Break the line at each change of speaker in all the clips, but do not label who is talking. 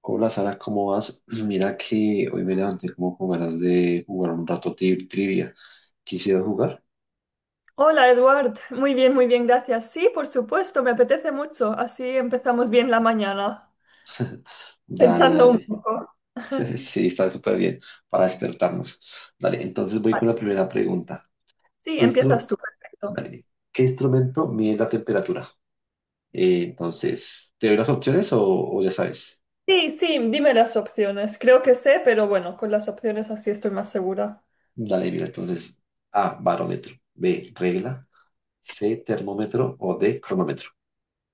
Hola Sara, ¿cómo vas? Pues mira que hoy me levanté como con ganas de jugar un rato trivia. ¿Quisieras jugar?
Hola, Eduard. Muy bien, gracias. Sí, por supuesto, me apetece mucho. Así empezamos bien la mañana,
Dale,
pensando un
dale.
poco.
Sí, está súper bien para despertarnos. Dale, entonces voy con la
Vale.
primera pregunta.
Sí,
¿Qué,
empiezas
instru-
tú, perfecto.
Dale. ¿Qué instrumento mide la temperatura? Entonces, ¿te doy las opciones o ya sabes?
Sí, sí, dime las opciones. Creo que sé, pero bueno, con las opciones así estoy más segura.
Dale, mira, entonces, A, barómetro, B, regla, C, termómetro o D, cronómetro.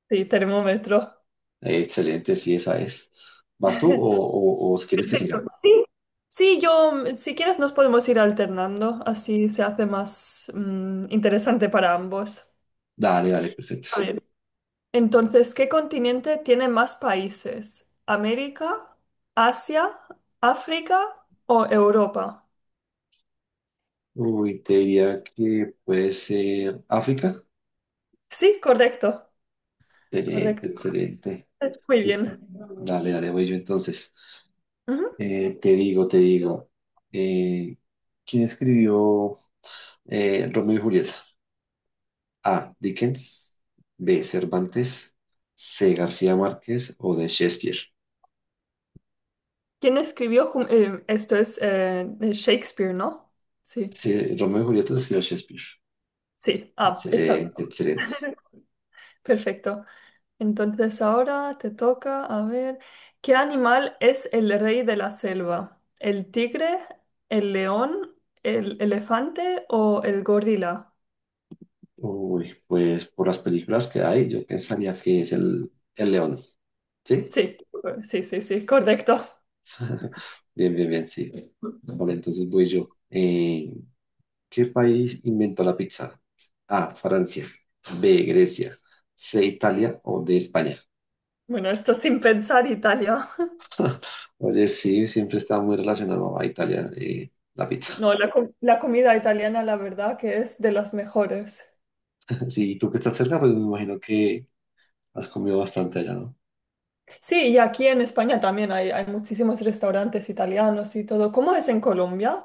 Sí, termómetro.
Excelente, sí, esa es. ¿Vas tú o si quieres que
Perfecto.
siga?
Sí, sí, yo, si quieres nos podemos ir alternando, así se hace más interesante para ambos.
Dale, dale, perfecto.
A ver. Entonces, ¿qué continente tiene más países? ¿América, Asia, África o Europa?
Uy, te diría que puede ser África.
Sí, correcto,
Excelente,
correcto.
excelente.
Muy
Listo.
bien.
Dale, dale, voy yo entonces.
Ujú.
Te digo, te digo. eh, ¿Quién escribió Romeo y Julieta? A. Dickens. B. Cervantes. C. García Márquez o de Shakespeare.
¿Quién escribió esto es de Shakespeare, ¿no? Sí,
Sí, Romeo y Julieta lo escribió Shakespeare.
sí. Ah, está bien.
Excelente, excelente.
Perfecto. Entonces ahora te toca, a ver, ¿qué animal es el rey de la selva? ¿El tigre, el león, el elefante o el gorila?
Uy, pues por las películas que hay, yo pensaría que es el León. ¿Sí?
Sí, sí, sí, sí, correcto.
Bien, bien, bien, sí. Vale, entonces voy yo. ¿Qué país inventó la pizza? A, Francia. B, Grecia. C, Italia o D, España.
Bueno, esto sin pensar Italia.
Oye, sí, siempre está muy relacionado a Italia, la pizza.
No, la, la comida italiana, la verdad, que es de las mejores.
Sí, y tú que estás cerca, pues me imagino que has comido bastante allá, ¿no?
Sí, y aquí en España también hay muchísimos restaurantes italianos y todo. ¿Cómo es en Colombia?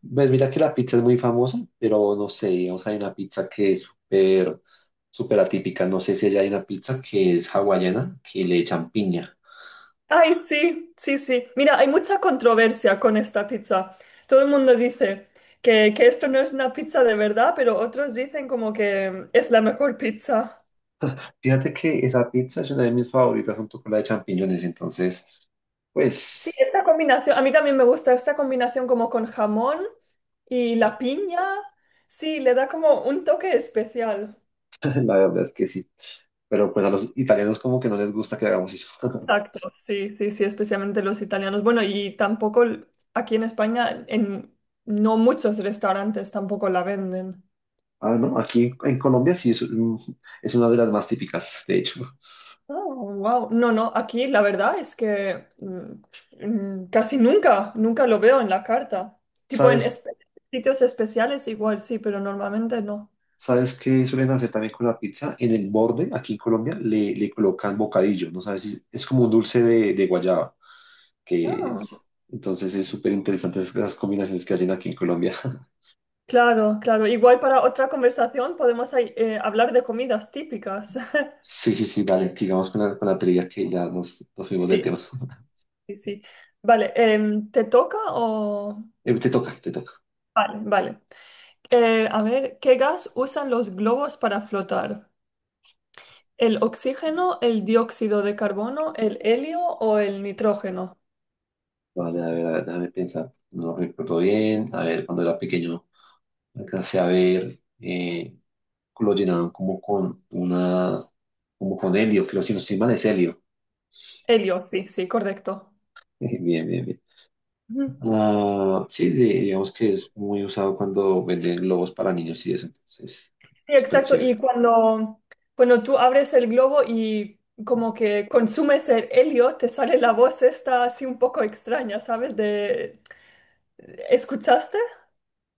Ves, mira que la pizza es muy famosa, pero no sé, digamos, hay una pizza que es súper, súper atípica. No sé si allá hay una pizza que es hawaiana, que le echan piña.
Ay, sí, sí, sí. Mira, hay mucha controversia con esta pizza. Todo el mundo dice que esto no es una pizza de verdad, pero otros dicen como que es la mejor pizza.
Fíjate que esa pizza es una de mis favoritas junto con la de champiñones, entonces,
Sí,
pues,
esta combinación, a mí también me gusta esta combinación como con jamón y la piña. Sí, le da como un toque especial.
la verdad es que sí. Pero pues a los italianos como que no les gusta que hagamos eso.
Exacto, sí, sí, sí, especialmente los italianos. Bueno, y tampoco aquí en España, en no muchos restaurantes tampoco la venden.
Ah, no, aquí en Colombia sí es, es una de las más típicas, de hecho.
Oh, wow. No, no, aquí la verdad es que casi nunca, nunca lo veo en la carta. Tipo en
¿Sabes,
sitios especiales igual, sí, pero normalmente no.
sabes qué suelen hacer también con la pizza? En el borde, aquí en Colombia, le colocan bocadillo, ¿no sabes? Es como un dulce de guayaba, que es. Entonces es súper interesante esas combinaciones que hacen aquí en Colombia.
Claro, claro. Igual para otra conversación podemos ahí, hablar de comidas típicas.
Sí, sí, sí, vale. Digamos con la trivia que ya nos fuimos del
Sí,
tema.
sí, sí. Vale, ¿te toca o...?
Te toca, te toca.
Vale, vale. A ver, ¿qué gas usan los globos para flotar? ¿El oxígeno, el dióxido de carbono, el helio o el nitrógeno?
Vale, a ver, déjame pensar. No lo recuerdo bien. A ver, cuando era pequeño alcancé a ver lo llenaban como con helio, creo si no estoy mal es helio.
Helio, sí, sí, correcto.
Bien, bien, bien. Ah, sí, digamos que es muy usado cuando venden globos para niños y eso, entonces,
Sí,
súper
exacto. Y
chévere.
cuando, cuando tú abres el globo y como que consumes el helio, te sale la voz esta así un poco extraña, ¿sabes? De... ¿Escuchaste?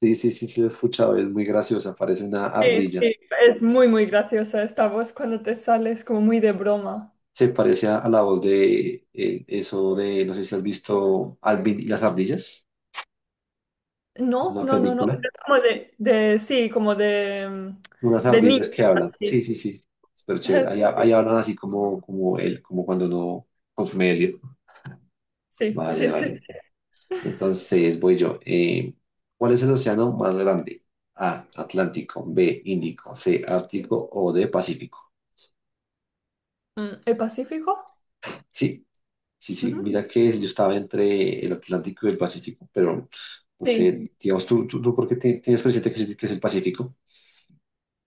Sí, sí, sí, sí, lo he escuchado, es muy graciosa, parece una
Sí,
ardilla.
sí. Es muy, muy graciosa esta voz cuando te sale, es como muy de broma.
Se parece a la voz de eso de, no sé si has visto Alvin y las ardillas. Es
No,
una
no, no, no.
película.
Pero es como de sí, como de,
Unas
de niño,
ardillas que hablan.
así.
Sí, sí, sí. Súper chévere. Ahí, ha- ahí hablan así como él, como cuando no consume helio.
Sí,
Vale,
sí, sí.
vale.
Sí.
Entonces voy yo. ¿Cuál es el océano más grande? A, Atlántico, B, Índico, C, Ártico o D, Pacífico.
¿El Pacífico?
Sí, sí, sí,
Ujú.
mira que yo estaba entre el Atlántico y el Pacífico, pero no
Sí.
sé, digamos, ¿tú por qué tienes presente que es el Pacífico?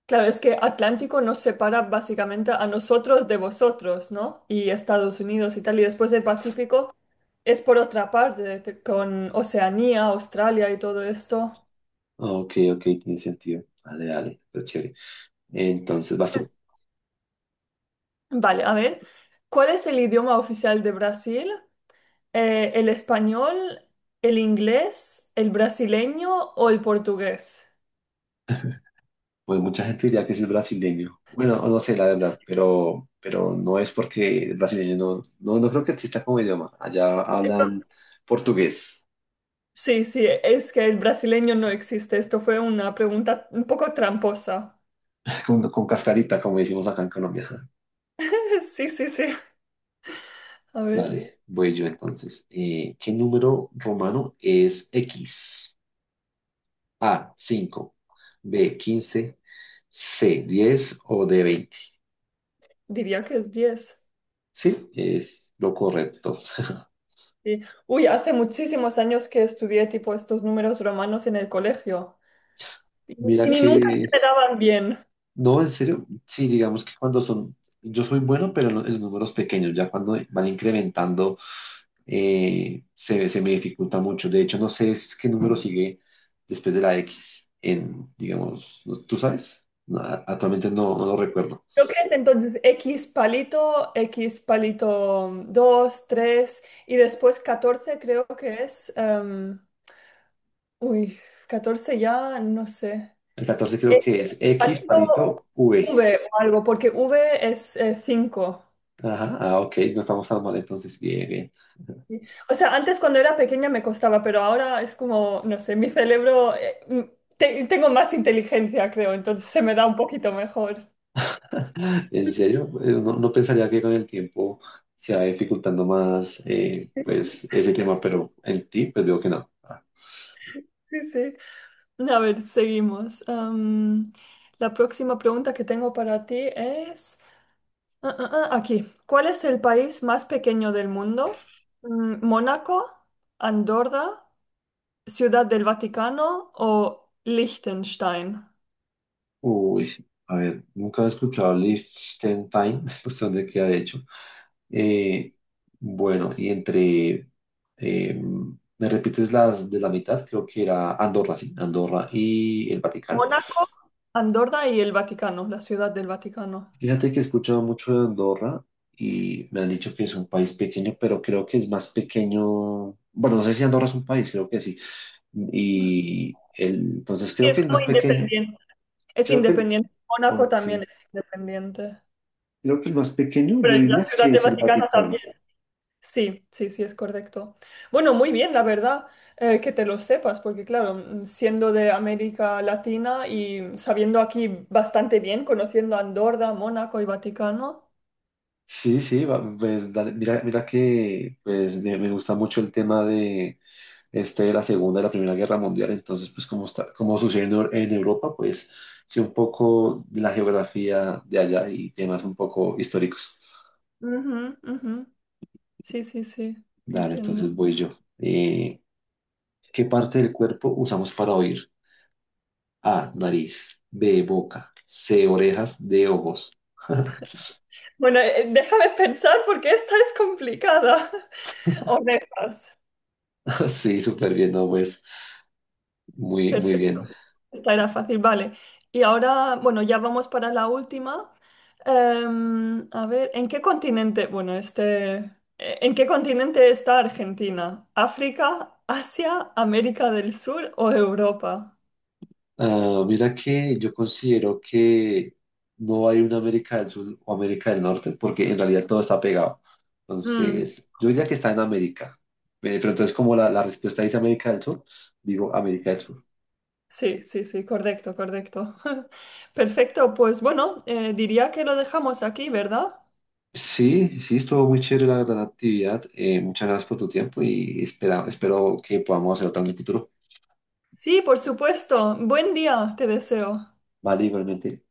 Claro, es que Atlántico nos separa básicamente a nosotros de vosotros, ¿no? Y Estados Unidos y tal. Y después el Pacífico es por otra parte, con Oceanía, Australia y todo esto.
Ah, ok, ok, tiene sentido. Dale, dale, pero chévere. Entonces, vas tú.
Vale, a ver, ¿cuál es el idioma oficial de Brasil? ¿El español, el inglés, el brasileño o el portugués?
Pues mucha gente diría que sí es brasileño. Bueno, no sé, la verdad, pero no es porque el brasileño no, no, no creo que exista como idioma. Allá
Esto-
hablan portugués,
Sí, sí, es que el brasileño no existe. Esto fue una pregunta un poco tramposa.
con cascarita, como decimos acá en Colombia.
Sí, sí, sí. A ver.
Dale, voy yo entonces. ¿Qué número romano es X? A, 5, B, 15, C, 10 o D, 20.
Diría que es 10.
Sí, es lo correcto.
Sí. Uy, hace muchísimos años que estudié tipo estos números romanos en el colegio y, y
Mira
ni nunca
que,
se me daban bien.
no, en serio, sí, digamos que cuando son, yo soy bueno, pero en en números pequeños, ya cuando van incrementando, se me dificulta mucho. De hecho, no sé es qué número sigue después de la X en, digamos, ¿tú sabes? No, actualmente no lo recuerdo.
Creo que es entonces X palito 2 3 y después 14 creo que es... uy, 14 ya no sé.
El 14 creo
X
que es X
palito
parito V.
V o algo, porque V es cinco.
Ajá, ah, ok, no estamos tan mal entonces, bien, bien.
Sí. O sea, antes cuando era pequeña me costaba, pero ahora es como, no sé, mi cerebro, tengo más inteligencia, creo, entonces se me da un poquito mejor.
En serio, no pensaría que con el tiempo se va dificultando más
Sí,
pues ese tema, pero en ti pues veo que no. Ah.
sí. Sí. A ver, seguimos. La próxima pregunta que tengo para ti es, aquí, ¿cuál es el país más pequeño del mundo? ¿Mónaco, Andorra, Ciudad del Vaticano o Liechtenstein?
Uy, a ver, nunca he escuchado Liechtenstein, no sé dónde queda de hecho. Eh, bueno, eh, ¿me repites las de la mitad? Creo que era Andorra, sí, Andorra y el Vaticano.
Mónaco, Andorra y el Vaticano, la Ciudad del Vaticano.
Fíjate que he escuchado mucho de Andorra y me han dicho que es un país pequeño, pero creo que es más pequeño. Bueno, no sé si Andorra es un país, creo que sí. Entonces
Sí,
creo
es
que es
como
más pequeño.
independiente. Es
Creo que el,
independiente. Mónaco
ok,
también es independiente.
Creo que el más pequeño,
Pero
yo
la
diría
Ciudad
que
de
es el
Vaticano también.
Vaticano.
Sí, sí, sí, es correcto. Bueno, muy bien, la verdad, que te lo sepas, porque claro, siendo de América Latina y sabiendo aquí bastante bien, conociendo Andorra, Mónaco y Vaticano.
Sí, sí, pues, dale, mira, mira que pues, me gusta mucho el tema de la Segunda y la Primera Guerra Mundial. Entonces, pues como sucede en, en Europa, pues sé un poco de la geografía de allá y temas un poco históricos.
Ujú, ujú. Sí, sí, sí,
Dale,
entiendo.
entonces voy yo. Eh, ¿qué parte del cuerpo usamos para oír? A, nariz, B, boca, C, orejas, D, ojos.
Bueno, déjame pensar porque esta es complicada. Orejas.
Sí, súper bien, ¿no? Pues muy, muy
Perfecto.
bien.
Esta era fácil, vale. Y ahora, bueno, ya vamos para la última. A ver, ¿en qué continente? Bueno, este, ¿en qué continente está Argentina? ¿África, Asia, América del Sur o Europa?
Ah, mira que yo considero que no hay una América del Sur o América del Norte, porque en realidad todo está pegado.
Mm,
Entonces, yo diría que está en América. Pero entonces, como la respuesta dice América del Sur, digo América del Sur.
sí, sí, sí, correcto, correcto. Perfecto, pues bueno, diría que lo dejamos aquí, ¿verdad?
Sí, sí, estuvo muy chévere la gran actividad. Muchas gracias por tu tiempo y espero que podamos hacer otra en el futuro.
Sí, por supuesto. Buen día, te deseo.
Vale, igualmente.